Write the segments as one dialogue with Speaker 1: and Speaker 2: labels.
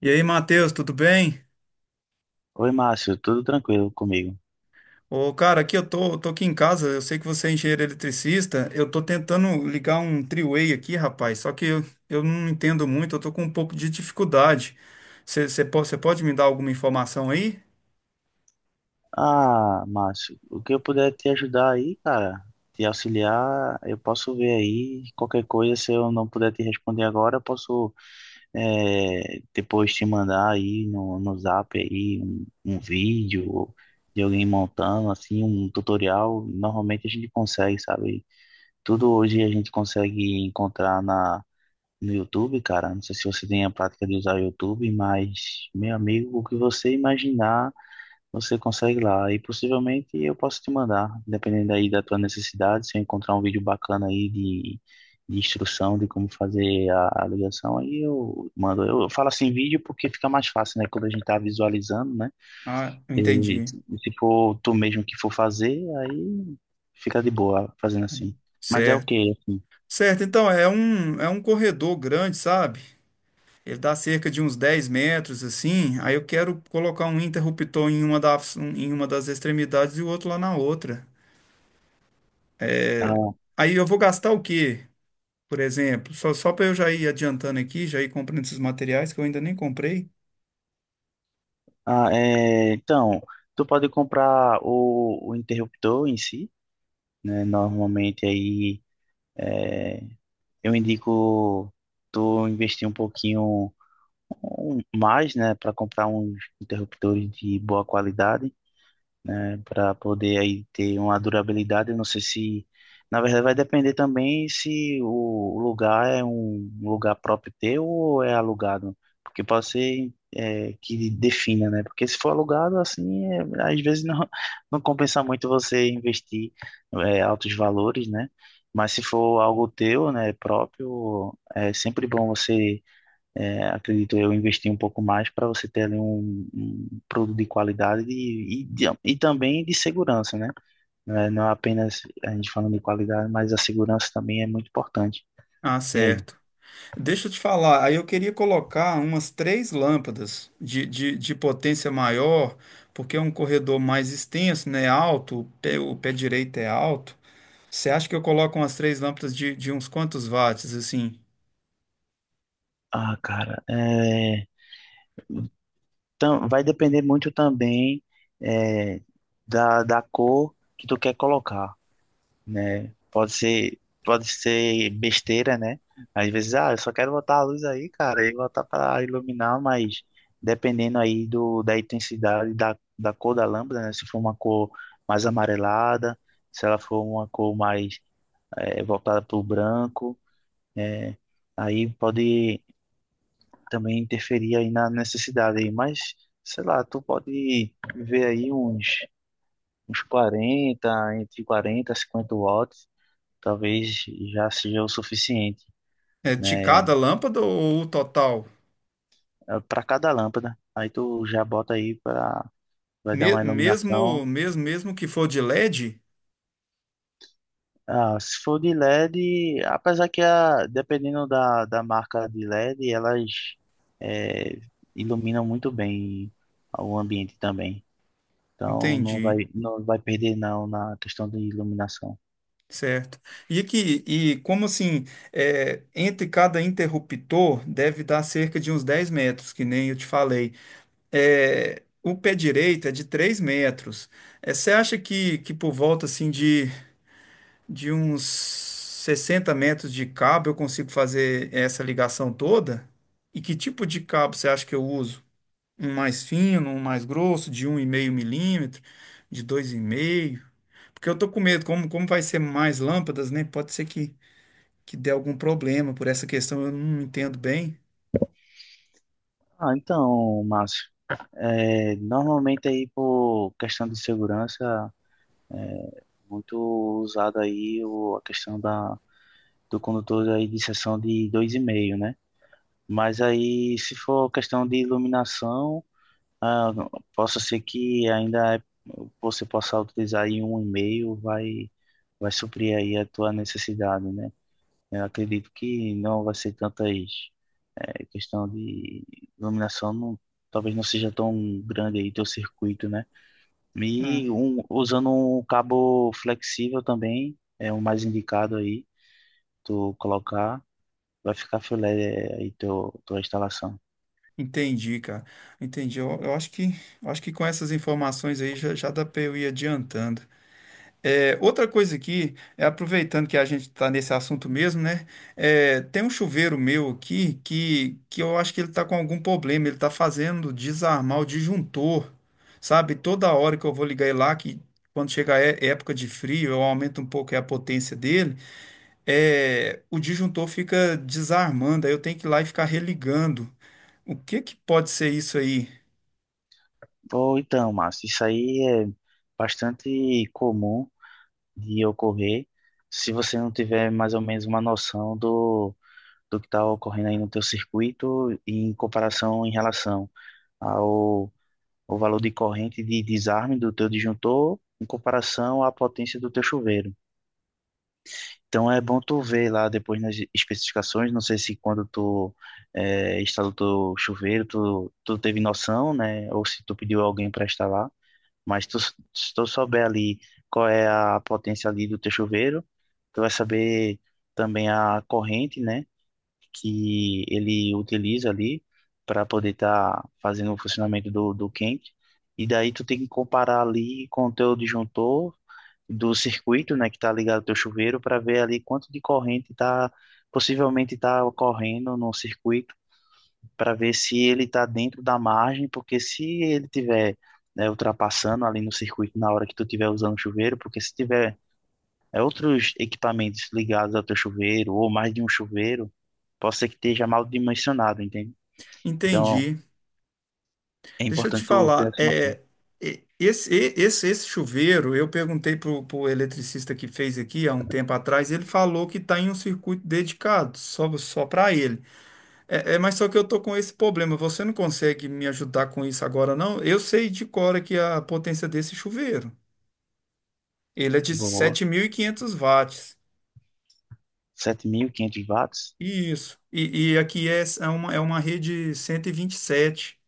Speaker 1: E aí, Matheus, tudo bem?
Speaker 2: Oi, Márcio, tudo tranquilo comigo?
Speaker 1: Ô, cara, aqui eu tô aqui em casa, eu sei que você é engenheiro eletricista, eu tô tentando ligar um three-way aqui, rapaz, só que eu não entendo muito, eu tô com um pouco de dificuldade. Você pode me dar alguma informação aí?
Speaker 2: Ah, Márcio, o que eu puder te ajudar aí, cara, te auxiliar, eu posso ver aí. Qualquer coisa, se eu não puder te responder agora, eu posso depois te mandar aí no Zap aí um vídeo de alguém montando, assim, um tutorial. Normalmente a gente consegue, sabe? Tudo hoje a gente consegue encontrar na, no YouTube, cara. Não sei se você tem a prática de usar o YouTube, mas, meu amigo, o que você imaginar você consegue lá. E possivelmente eu posso te mandar, dependendo aí da tua necessidade, se eu encontrar um vídeo bacana aí de instrução de como fazer a ligação, aí eu mando. Eu falo assim vídeo porque fica mais fácil, né? Quando a gente tá visualizando, né?
Speaker 1: Ah, eu
Speaker 2: E,
Speaker 1: entendi.
Speaker 2: se for tu mesmo que for fazer, aí fica de boa fazendo assim. Mas é o
Speaker 1: Certo.
Speaker 2: quê?
Speaker 1: Certo, então, é um corredor grande, sabe? Ele dá cerca de uns 10 metros, assim, aí eu quero colocar um interruptor em uma das extremidades e o outro lá na outra. É.
Speaker 2: Ah,
Speaker 1: Aí eu vou gastar o quê? Por exemplo, só para eu já ir adiantando aqui, já ir comprando esses materiais que eu ainda nem comprei.
Speaker 2: é, então, tu pode comprar o interruptor em si, né? Normalmente aí. É, eu indico tu investir um pouquinho mais, né, para comprar uns interruptores de boa qualidade, né, para poder aí ter uma durabilidade. Eu não sei se, na verdade, vai depender também se o lugar é um lugar próprio teu ou é alugado, porque pode ser é, que defina, né? Porque se for alugado, assim, é, às vezes não, não compensa muito você investir é, altos valores, né? Mas se for algo teu, né, próprio, é sempre bom você é, acredito eu, investir um pouco mais para você ter ali um, um produto de qualidade e, e também de segurança, né? Não é apenas a gente falando de qualidade, mas a segurança também é muito importante.
Speaker 1: Ah,
Speaker 2: E aí?
Speaker 1: certo. Deixa eu te falar, aí eu queria colocar umas três lâmpadas de potência maior, porque é um corredor mais extenso, né? Alto, o pé direito é alto. Você acha que eu coloco umas três lâmpadas de uns quantos watts, assim?
Speaker 2: Ah, cara, é, vai depender muito também é, da, da cor que tu quer colocar, né? Pode ser besteira, né? Às vezes, ah, eu só quero botar a luz aí, cara, e botar para iluminar, mas dependendo aí do da intensidade da, da cor da lâmpada, né? Se for uma cor mais amarelada, se ela for uma cor mais voltada para o branco, né? Aí pode também interferir aí na necessidade aí, mas sei lá, tu pode ver aí uns uns 40 entre 40 e 50 watts talvez já seja o suficiente,
Speaker 1: É de
Speaker 2: né?
Speaker 1: cada lâmpada ou o total?
Speaker 2: Para cada lâmpada. Aí tu já bota aí para vai dar
Speaker 1: Me-
Speaker 2: uma iluminação.
Speaker 1: mesmo, mesmo, mesmo que for de LED?
Speaker 2: Ah, se for de LED, apesar que a, dependendo da, da marca de LED, elas eh, iluminam muito bem o ambiente também. Então
Speaker 1: Entendi.
Speaker 2: não vai perder não na questão de iluminação.
Speaker 1: Certo. E aqui, e como assim, entre cada interruptor deve dar cerca de uns 10 metros, que nem eu te falei. É, o pé direito é de 3 metros. É, você acha que, por volta assim de uns 60 metros de cabo eu consigo fazer essa ligação toda? E que tipo de cabo você acha que eu uso? Um mais fino, um mais grosso, de um 1,5 milímetro, de 2,5? Porque eu tô com medo, como vai ser mais lâmpadas, né? Pode ser que dê algum problema por essa questão, eu não entendo bem.
Speaker 2: Ah, então, Márcio, normalmente aí por questão de segurança é muito usado aí o, a questão da, do condutor aí de seção de dois e meio, né? Mas aí, se for questão de iluminação, ah, possa ser que ainda você possa utilizar aí um e meio, vai, vai suprir aí a tua necessidade, né? Eu acredito que não vai ser tantas, questão de iluminação, não, talvez não seja tão grande aí teu circuito, né?
Speaker 1: Ah,
Speaker 2: E um, usando um cabo flexível também, é o mais indicado aí, tu colocar, vai ficar filé é, aí teu, tua instalação.
Speaker 1: entendi, cara. Entendi. Eu acho que, eu acho que com essas informações aí já dá para eu ir adiantando. É, outra coisa aqui, aproveitando que a gente está nesse assunto mesmo, né? É, tem um chuveiro meu aqui que eu acho que ele está com algum problema. Ele está fazendo desarmar o disjuntor, sabe? Toda hora que eu vou ligar ele lá, que quando chega a época de frio, eu aumento um pouco aí a potência dele. É, o disjuntor fica desarmando, aí eu tenho que ir lá e ficar religando. O que que pode ser isso aí?
Speaker 2: Ou então, Márcio, isso aí é bastante comum de ocorrer se você não tiver mais ou menos uma noção do, do que está ocorrendo aí no teu circuito em comparação em relação ao, ao valor de corrente de desarme do teu disjuntor em comparação à potência do teu chuveiro. Então é bom tu ver lá depois nas especificações, não sei se quando tu é, instalou teu chuveiro, tu teve noção, né? Ou se tu pediu alguém para instalar, mas tu, se tu souber ali qual é a potência ali do teu chuveiro, tu vai saber também a corrente, né? Que ele utiliza ali para poder estar fazendo o funcionamento do, do quente. E daí tu tem que comparar ali com o teu disjuntor do circuito, né, que está ligado ao teu chuveiro, para ver ali quanto de corrente está possivelmente está ocorrendo no circuito, para ver se ele está dentro da margem, porque se ele tiver, né, ultrapassando ali no circuito na hora que tu tiver usando o chuveiro, porque se tiver é, outros equipamentos ligados ao teu chuveiro ou mais de um chuveiro, pode ser que esteja mal dimensionado, entende? Então,
Speaker 1: Entendi.
Speaker 2: é
Speaker 1: Deixa eu te
Speaker 2: importante tu ter
Speaker 1: falar,
Speaker 2: essa noção.
Speaker 1: esse chuveiro, eu perguntei para o eletricista que fez aqui há um tempo atrás, ele falou que está em um circuito dedicado, só para ele. Mas só que eu tô com esse problema, você não consegue me ajudar com isso agora, não? Eu sei de cor aqui a potência desse chuveiro. Ele é de
Speaker 2: Boa.
Speaker 1: 7.500 watts.
Speaker 2: 7500 watts?
Speaker 1: Isso. E aqui é, é uma rede cento e vinte e sete.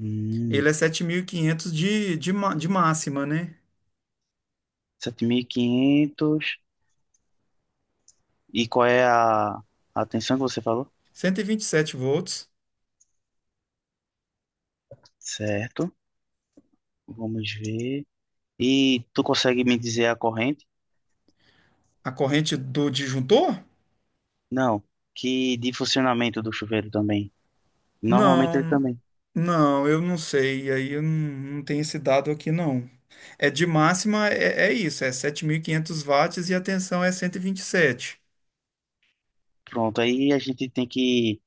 Speaker 2: Hum,
Speaker 1: Ele é 7.500 de máxima, né?
Speaker 2: 7500. E qual é a atenção que você falou?
Speaker 1: Cento e vinte e sete volts.
Speaker 2: Certo. Vamos ver. E tu consegue me dizer a corrente?
Speaker 1: A corrente do disjuntor?
Speaker 2: Não. Que de funcionamento do chuveiro também. Normalmente ele
Speaker 1: Não,
Speaker 2: também.
Speaker 1: não, eu não sei. Aí eu não tenho esse dado aqui, não. É de máxima, é isso. É 7.500 watts e a tensão é cento e vinte e sete.
Speaker 2: Pronto, aí a gente tem que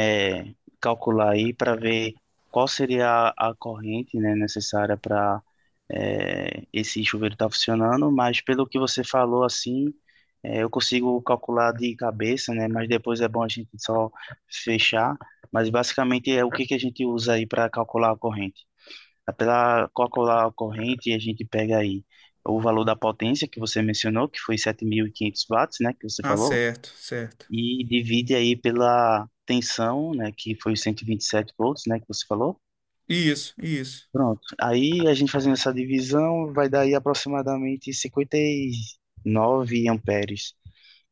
Speaker 2: é, calcular aí para ver qual seria a corrente, né, necessária para esse chuveiro estar funcionando, mas pelo que você falou assim, é, eu consigo calcular de cabeça, né, mas depois é bom a gente só fechar, mas basicamente é o que que a gente usa aí para calcular a corrente. Para calcular a corrente, a gente pega aí o valor da potência que você mencionou, que foi 7500 watts, né, que você
Speaker 1: Ah,
Speaker 2: falou,
Speaker 1: certo, certo.
Speaker 2: e divide aí pela tensão, né, que foi os 127 volts, né, que você falou.
Speaker 1: Isso, isso.
Speaker 2: Pronto. Aí a gente fazendo essa divisão vai dar aí aproximadamente 59 amperes.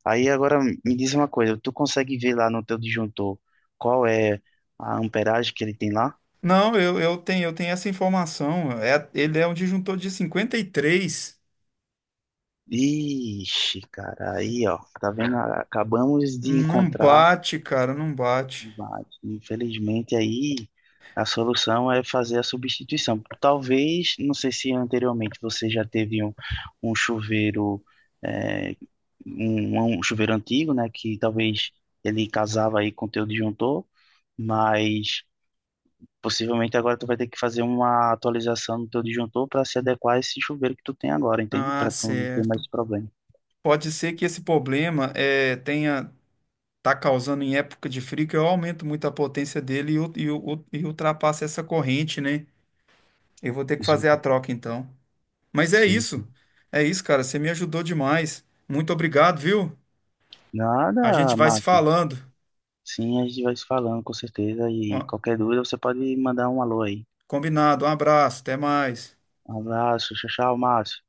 Speaker 2: Aí agora me diz uma coisa, tu consegue ver lá no teu disjuntor qual é a amperagem que ele tem lá?
Speaker 1: Não, eu tenho essa informação. É, ele é um disjuntor de 53.
Speaker 2: Ixi, cara, aí ó, tá vendo? Acabamos de
Speaker 1: Não
Speaker 2: encontrar.
Speaker 1: bate, cara, não bate.
Speaker 2: Bate. Infelizmente, aí a solução é fazer a substituição. Talvez, não sei se anteriormente você já teve um, um chuveiro, é, um chuveiro antigo, né? Que talvez ele casava aí com o teu disjuntor, mas possivelmente agora tu vai ter que fazer uma atualização no teu disjuntor para se adequar a esse chuveiro que tu tem agora, entende?
Speaker 1: Ah,
Speaker 2: Para tu não ter mais
Speaker 1: certo.
Speaker 2: esse problema.
Speaker 1: Pode ser que esse problema tenha tá causando em época de frio que eu aumento muito a potência dele e ultrapassa essa corrente, né? Eu vou ter que
Speaker 2: Isso-
Speaker 1: fazer a troca então. Mas é
Speaker 2: sim,
Speaker 1: isso.
Speaker 2: sim.
Speaker 1: É isso, cara. Você me ajudou demais. Muito obrigado, viu? A gente
Speaker 2: Nada,
Speaker 1: vai se
Speaker 2: Márcio.
Speaker 1: falando.
Speaker 2: Sim, a gente vai se falando, com certeza.
Speaker 1: Ó,
Speaker 2: E qualquer dúvida, você pode mandar um alô aí.
Speaker 1: combinado. Um abraço. Até mais.
Speaker 2: Um abraço, tchau, tchau, Márcio.